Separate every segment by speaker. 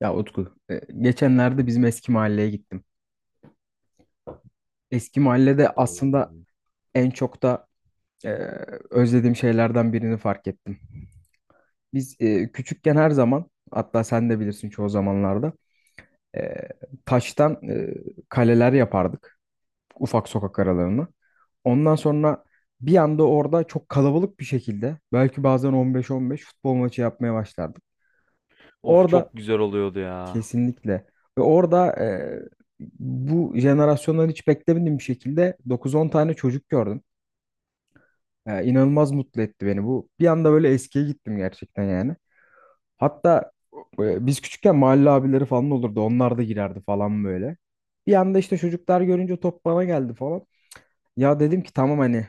Speaker 1: Ya Utku, geçenlerde bizim eski mahalleye gittim. Eski mahallede aslında en çok da e, özlediğim şeylerden birini fark ettim. Biz küçükken her zaman, hatta sen de bilirsin çoğu zamanlarda, e, taştan kaleler yapardık ufak sokak aralarını. Ondan sonra bir anda orada çok kalabalık bir şekilde, belki bazen 15-15 futbol maçı yapmaya başlardık.
Speaker 2: Of,
Speaker 1: Orada
Speaker 2: çok güzel oluyordu ya.
Speaker 1: Kesinlikle. Ve orada bu jenerasyondan hiç beklemediğim bir şekilde dokuz on tane çocuk gördüm. E, inanılmaz mutlu etti beni bu. Bir anda böyle eskiye gittim gerçekten yani. Hatta biz küçükken mahalle abileri falan olurdu. Onlar da girerdi falan böyle. Bir anda işte çocuklar görünce top bana geldi falan. Ya dedim ki tamam hani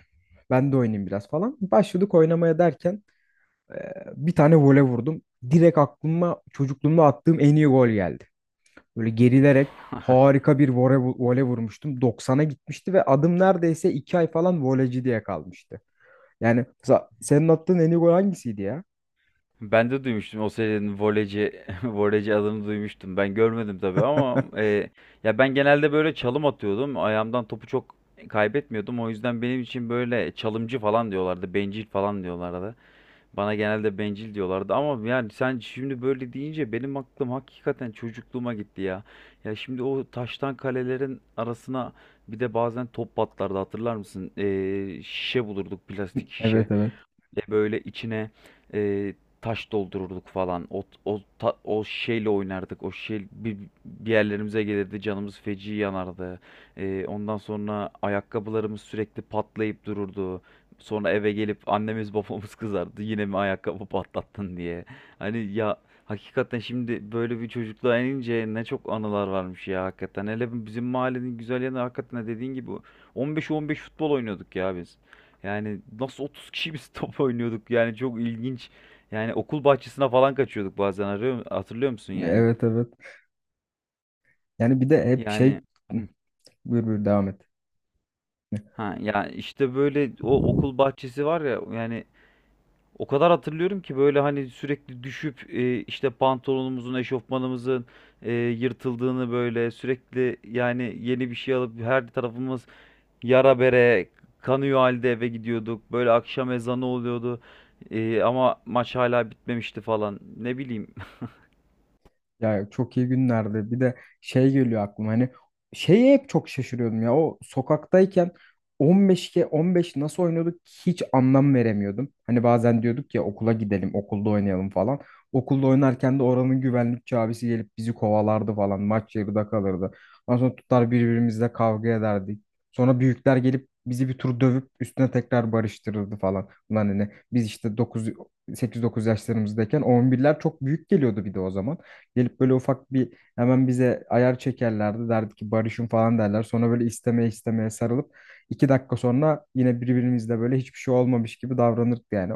Speaker 1: ben de oynayayım biraz falan. Başladık oynamaya derken e, bir tane vole vurdum. Direkt aklıma çocukluğumda attığım en iyi gol geldi. Böyle gerilerek harika bir vole vurmuştum. 90'a gitmişti ve adım neredeyse 2 ay falan voleci diye kalmıştı. Yani mesela senin attığın en iyi gol hangisiydi ya?
Speaker 2: Ben de duymuştum o serinin voleyci voleyci adını duymuştum. Ben görmedim tabii ama ya ben genelde böyle çalım atıyordum. Ayağımdan topu çok kaybetmiyordum. O yüzden benim için böyle çalımcı falan diyorlardı. Bencil falan diyorlardı. Bana genelde bencil diyorlardı ama yani sen şimdi böyle deyince benim aklım hakikaten çocukluğuma gitti ya. Ya şimdi o taştan kalelerin arasına bir de bazen top patlardı, hatırlar mısın? Şişe bulurduk, plastik şişe.
Speaker 1: Evet, evet.
Speaker 2: De böyle içine e, taş doldururduk falan. O şeyle oynardık. Bir yerlerimize gelirdi. Canımız feci yanardı. Ondan sonra ayakkabılarımız sürekli patlayıp dururdu. Sonra eve gelip annemiz babamız kızardı, yine mi ayakkabı patlattın diye. Hani ya, hakikaten şimdi böyle bir çocukluğa inince ne çok anılar varmış ya hakikaten. Hele bizim mahallenin güzel yanı, hakikaten dediğin gibi 15-15 futbol oynuyorduk ya biz. Yani nasıl 30 kişi biz top oynuyorduk, yani çok ilginç. Yani okul bahçesine falan kaçıyorduk bazen arıyor, hatırlıyor musun yani?
Speaker 1: Evet, evet. Yani bir de hep
Speaker 2: Yani.
Speaker 1: şey
Speaker 2: Hı.
Speaker 1: buyur, buyur, devam et.
Speaker 2: Ha ya, işte böyle o okul bahçesi var ya, yani o kadar hatırlıyorum ki böyle, hani sürekli düşüp işte pantolonumuzun, eşofmanımızın yırtıldığını, böyle sürekli yani yeni bir şey alıp her tarafımız yara bere kanıyor halde eve gidiyorduk. Böyle akşam ezanı oluyordu. Ama maç hala bitmemişti falan. Ne bileyim.
Speaker 1: Ya çok iyi günlerdi. Bir de şey geliyor aklıma hani şeye hep çok şaşırıyordum ya. O sokaktayken 15'e 15 nasıl oynuyorduk hiç anlam veremiyordum. Hani bazen diyorduk ya okula gidelim, okulda oynayalım falan. Okulda oynarken de oranın güvenlikçi abisi gelip bizi kovalardı falan. Maç yarıda kalırdı. Ondan sonra tutar birbirimizle kavga ederdik. Sonra büyükler gelip bizi bir tur dövüp üstüne tekrar barıştırırdı falan. Ulan hani biz işte 9 8-9 yaşlarımızdayken 11'ler çok büyük geliyordu bir de o zaman. Gelip böyle ufak bir hemen bize ayar çekerlerdi. Derdi ki barışın falan derler. Sonra böyle istemeye istemeye sarılıp 2 dakika sonra yine birbirimizle böyle hiçbir şey olmamış gibi davranırdık yani.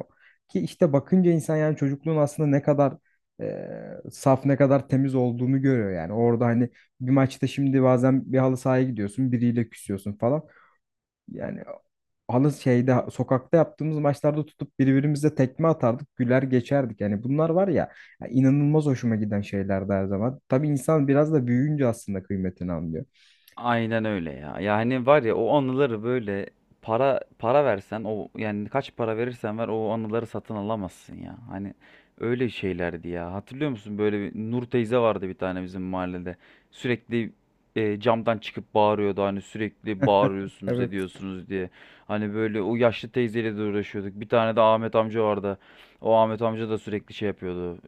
Speaker 1: Ki işte bakınca insan yani çocukluğun aslında ne kadar e, saf, ne kadar temiz olduğunu görüyor yani. Orada hani bir maçta, şimdi bazen bir halı sahaya gidiyorsun, biriyle küsüyorsun falan. Yani halı şeyde, sokakta yaptığımız maçlarda tutup birbirimize tekme atardık, güler geçerdik. Yani bunlar var ya, ya inanılmaz hoşuma giden şeylerdi her zaman. Tabii insan biraz da büyüyünce aslında kıymetini anlıyor.
Speaker 2: Aynen öyle ya. Yani var ya o anıları, böyle para para versen o, yani kaç para verirsen ver o anıları satın alamazsın ya. Hani öyle şeylerdi ya. Hatırlıyor musun, böyle bir Nur teyze vardı bir tane bizim mahallede. Sürekli camdan çıkıp bağırıyordu, hani sürekli bağırıyorsunuz
Speaker 1: Evet.
Speaker 2: ediyorsunuz diye. Hani böyle o yaşlı teyzeyle de uğraşıyorduk. Bir tane de Ahmet amca vardı. O Ahmet amca da sürekli şey yapıyordu.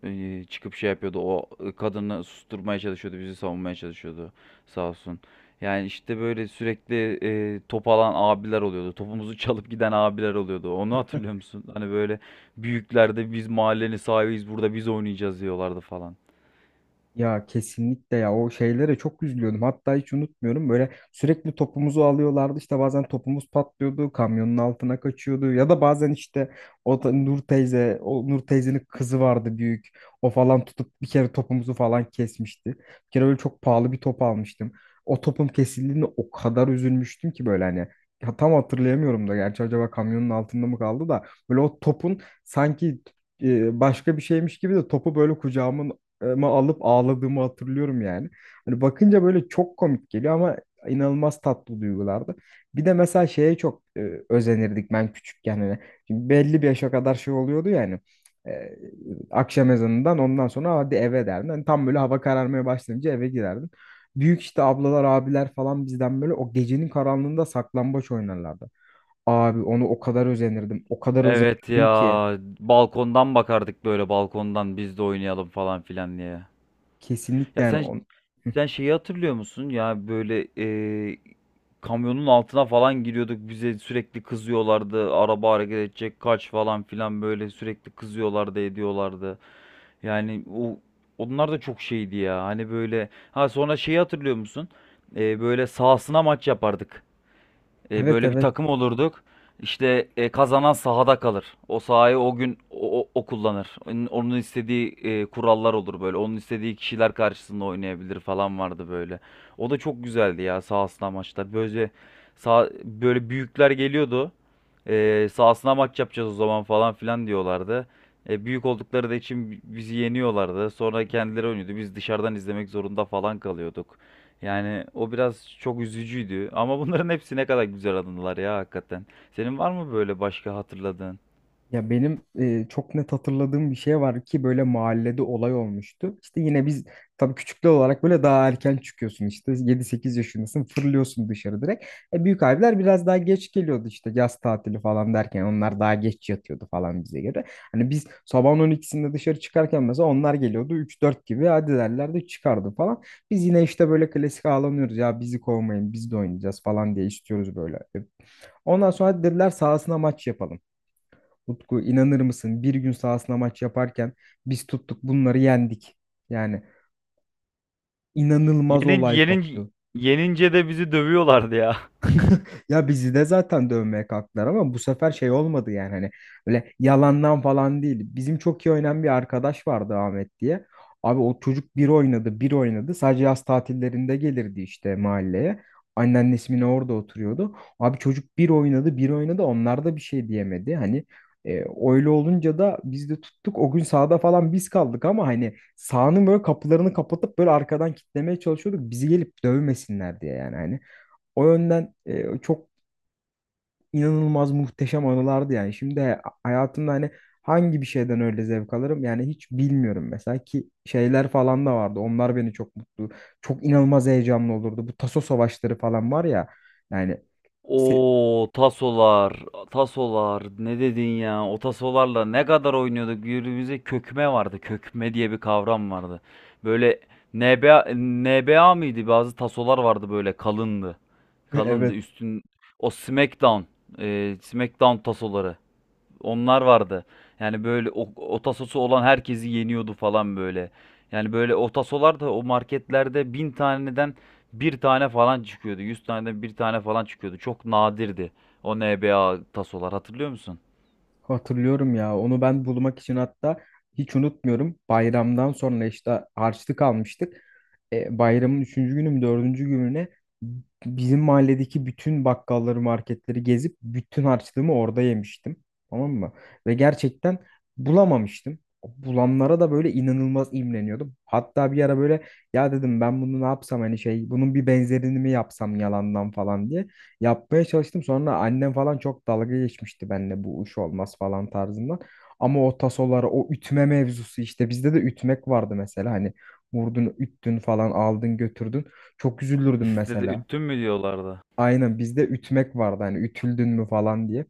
Speaker 2: Çıkıp şey yapıyordu. O, kadını susturmaya çalışıyordu, bizi savunmaya çalışıyordu. Sağ olsun. Yani işte böyle sürekli top alan abiler oluyordu. Topumuzu çalıp giden abiler oluyordu. Onu hatırlıyor musun? Hani böyle büyüklerde, biz mahallenin sahibiyiz burada biz oynayacağız diyorlardı falan.
Speaker 1: Ya kesinlikle ya, o şeylere çok üzülüyordum. Hatta hiç unutmuyorum, böyle sürekli topumuzu alıyorlardı, işte bazen topumuz patlıyordu, kamyonun altına kaçıyordu, ya da bazen işte o da Nur teyze, o Nur teyzenin kızı vardı büyük, o falan tutup bir kere topumuzu falan kesmişti. Bir kere öyle çok pahalı bir top almıştım. O topum kesildiğinde o kadar üzülmüştüm ki, böyle hani, ya tam hatırlayamıyorum da gerçi, acaba kamyonun altında mı kaldı da, böyle o topun sanki başka bir şeymiş gibi de topu böyle kucağımın, ama alıp ağladığımı hatırlıyorum yani. Hani bakınca böyle çok komik geliyor ama inanılmaz tatlı duygulardı. Bir de mesela şeye çok özenirdik ben küçükken hani. Şimdi belli bir yaşa kadar şey oluyordu yani. Akşam ezanından ondan sonra hadi eve derdin. Hani tam böyle hava kararmaya başlayınca eve girerdin. Büyük işte ablalar, abiler falan bizden böyle o gecenin karanlığında saklambaç oynarlardı. Abi onu o kadar özenirdim. O kadar
Speaker 2: Evet
Speaker 1: özenirdim
Speaker 2: ya,
Speaker 1: ki.
Speaker 2: balkondan bakardık, böyle balkondan biz de oynayalım falan filan diye.
Speaker 1: Kesinlikle
Speaker 2: Ya
Speaker 1: yani
Speaker 2: sen,
Speaker 1: on... Hı.
Speaker 2: sen şeyi hatırlıyor musun? Ya böyle kamyonun altına falan giriyorduk. Bize sürekli kızıyorlardı. Araba hareket edecek kaç falan filan, böyle sürekli kızıyorlardı, ediyorlardı. Yani o Onlar da çok şeydi ya. Hani böyle, ha sonra şeyi hatırlıyor musun? Böyle sahasına maç yapardık.
Speaker 1: Evet,
Speaker 2: Böyle bir
Speaker 1: evet.
Speaker 2: takım olurduk. İşte kazanan sahada kalır. O sahayı o gün o kullanır. Onun istediği kurallar olur böyle. Onun istediği kişiler karşısında oynayabilir falan vardı böyle. O da çok güzeldi ya sahasına maçlar. Böyle sağ, böyle büyükler geliyordu. Sahasına maç yapacağız o zaman falan filan diyorlardı. Büyük oldukları da için bizi yeniyorlardı. Sonra kendileri oynuyordu. Biz dışarıdan izlemek zorunda falan kalıyorduk. Yani o biraz çok üzücüydü. Ama bunların hepsi ne kadar güzel anılar ya hakikaten. Senin var mı böyle başka hatırladığın?
Speaker 1: Ya benim çok net hatırladığım bir şey var ki, böyle mahallede olay olmuştu. İşte yine biz, tabii küçükler olarak, böyle daha erken çıkıyorsun, işte yedi sekiz yaşındasın, fırlıyorsun dışarı direkt. Büyük abiler biraz daha geç geliyordu, işte yaz tatili falan derken onlar daha geç yatıyordu falan bize göre. Hani biz sabahın 12'sinde dışarı çıkarken, mesela onlar geliyordu üç dört gibi, hadi derlerdi, çıkardı falan. Biz yine işte böyle klasik ağlanıyoruz ya, bizi kovmayın, biz de oynayacağız falan diye istiyoruz böyle. Ondan sonra dediler sahasına maç yapalım. Utku, inanır mısın? Bir gün sahasına maç yaparken biz tuttuk bunları yendik. Yani inanılmaz
Speaker 2: Yenince,
Speaker 1: olay
Speaker 2: yenince,
Speaker 1: koptu.
Speaker 2: Yenince de bizi dövüyorlardı ya.
Speaker 1: Ya bizi de zaten dövmeye kalktılar ama bu sefer şey olmadı yani, hani öyle yalandan falan değil. Bizim çok iyi oynayan bir arkadaş vardı, Ahmet diye. Abi o çocuk bir oynadı bir oynadı. Sadece yaz tatillerinde gelirdi işte mahalleye. Anneannesi mi ne orada oturuyordu. Abi çocuk bir oynadı bir oynadı, onlar da bir şey diyemedi. Hani e, öyle olunca da biz de tuttuk. O gün sahada falan biz kaldık, ama hani sahanın böyle kapılarını kapatıp böyle arkadan kitlemeye çalışıyorduk, bizi gelip dövmesinler diye yani hani. O yönden çok inanılmaz muhteşem anılardı yani. Şimdi hayatımda hani hangi bir şeyden öyle zevk alırım yani hiç bilmiyorum, mesela ki şeyler falan da vardı. Onlar beni çok mutlu, çok inanılmaz heyecanlı olurdu. Bu taso savaşları falan var ya, yani se-
Speaker 2: Oo tasolar, tasolar ne dedin ya? O tasolarla ne kadar oynuyorduk? Birbirimize kökme vardı. Kökme diye bir kavram vardı. Böyle NBA, NBA mıydı? Bazı tasolar vardı böyle, kalındı. Kalındı
Speaker 1: evet,
Speaker 2: üstün, o SmackDown, SmackDown tasoları. Onlar vardı. Yani böyle o, otasosu olan herkesi yeniyordu falan böyle. Yani böyle otasolar da o marketlerde 1.000 taneden bir tane falan çıkıyordu. 100 taneden bir tane falan çıkıyordu. Çok nadirdi o NBA tasolar, hatırlıyor musun?
Speaker 1: hatırlıyorum ya. Onu ben bulmak için, hatta hiç unutmuyorum, bayramdan sonra işte harçlık almıştık. Bayramın üçüncü günü mü, dördüncü gününe bizim mahalledeki bütün bakkalları, marketleri gezip bütün harçlığımı orada yemiştim. Tamam mı? Ve gerçekten bulamamıştım. Bulanlara da böyle inanılmaz imreniyordum. Hatta bir ara böyle, ya dedim ben bunu ne yapsam, hani şey, bunun bir benzerini mi yapsam yalandan falan diye yapmaya çalıştım. Sonra annem falan çok dalga geçmişti benimle, bu iş olmaz falan tarzından. Ama o tasoları, o ütme mevzusu, işte bizde de ütmek vardı mesela hani, vurdun, üttün falan, aldın, götürdün. Çok üzülürdüm
Speaker 2: Sizde de
Speaker 1: mesela.
Speaker 2: üttün mü diyorlardı.
Speaker 1: Aynen, bizde ütmek vardı hani, ütüldün mü falan diye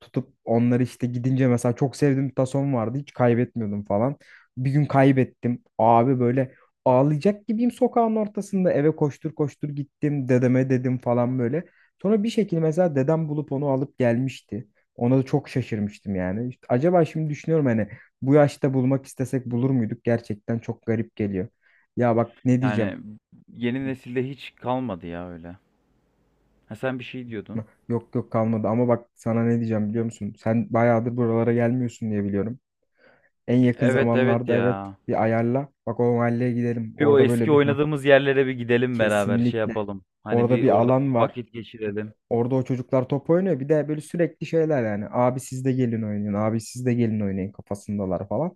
Speaker 1: tutup onları, işte gidince mesela çok sevdiğim bir tason vardı, hiç kaybetmiyordum falan. Bir gün kaybettim. Abi böyle ağlayacak gibiyim sokağın ortasında, eve koştur koştur gittim, dedeme dedim falan böyle. Sonra bir şekilde mesela dedem bulup onu alıp gelmişti. Ona da çok şaşırmıştım yani. İşte acaba şimdi düşünüyorum, hani bu yaşta bulmak istesek bulur muyduk? Gerçekten çok garip geliyor. Ya bak ne diyeceğim?
Speaker 2: Yani yeni nesilde hiç kalmadı ya öyle. Ha sen bir şey diyordun.
Speaker 1: Yok, yok, kalmadı ama bak sana ne diyeceğim biliyor musun? Sen bayağıdır buralara gelmiyorsun diye biliyorum. En yakın
Speaker 2: Evet evet
Speaker 1: zamanlarda, evet,
Speaker 2: ya.
Speaker 1: bir ayarla. Bak, o mahalleye gidelim.
Speaker 2: Bir o
Speaker 1: Orada böyle
Speaker 2: eski
Speaker 1: bir ha,
Speaker 2: oynadığımız yerlere bir gidelim beraber, şey
Speaker 1: kesinlikle.
Speaker 2: yapalım. Hani
Speaker 1: Orada
Speaker 2: bir
Speaker 1: bir
Speaker 2: orada
Speaker 1: alan
Speaker 2: bir
Speaker 1: var.
Speaker 2: vakit geçirelim.
Speaker 1: Orada o çocuklar top oynuyor. Bir de böyle sürekli şeyler yani. Abi siz de gelin oynayın. Abi siz de gelin oynayın kafasındalar falan.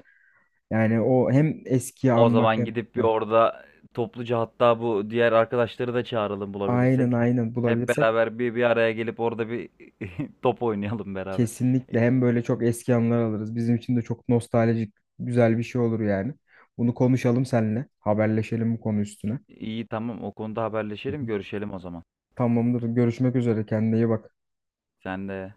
Speaker 1: Yani o hem eskiyi
Speaker 2: O
Speaker 1: anmak
Speaker 2: zaman
Speaker 1: hem
Speaker 2: gidip bir
Speaker 1: ha,
Speaker 2: orada topluca, hatta bu diğer arkadaşları da çağıralım
Speaker 1: aynen,
Speaker 2: bulabilirsek.
Speaker 1: aynen,
Speaker 2: Hep
Speaker 1: bulabilirsek
Speaker 2: beraber bir bir araya gelip orada bir top oynayalım beraber.
Speaker 1: kesinlikle,
Speaker 2: E,
Speaker 1: hem böyle çok eski anılar alırız. Bizim için de çok nostaljik, güzel bir şey olur yani. Bunu konuşalım seninle. Haberleşelim bu konu üstüne.
Speaker 2: İyi, tamam, o konuda
Speaker 1: Hı
Speaker 2: haberleşelim,
Speaker 1: hı.
Speaker 2: görüşelim o zaman.
Speaker 1: Tamamdır. Görüşmek üzere. Kendine iyi bak.
Speaker 2: Sen de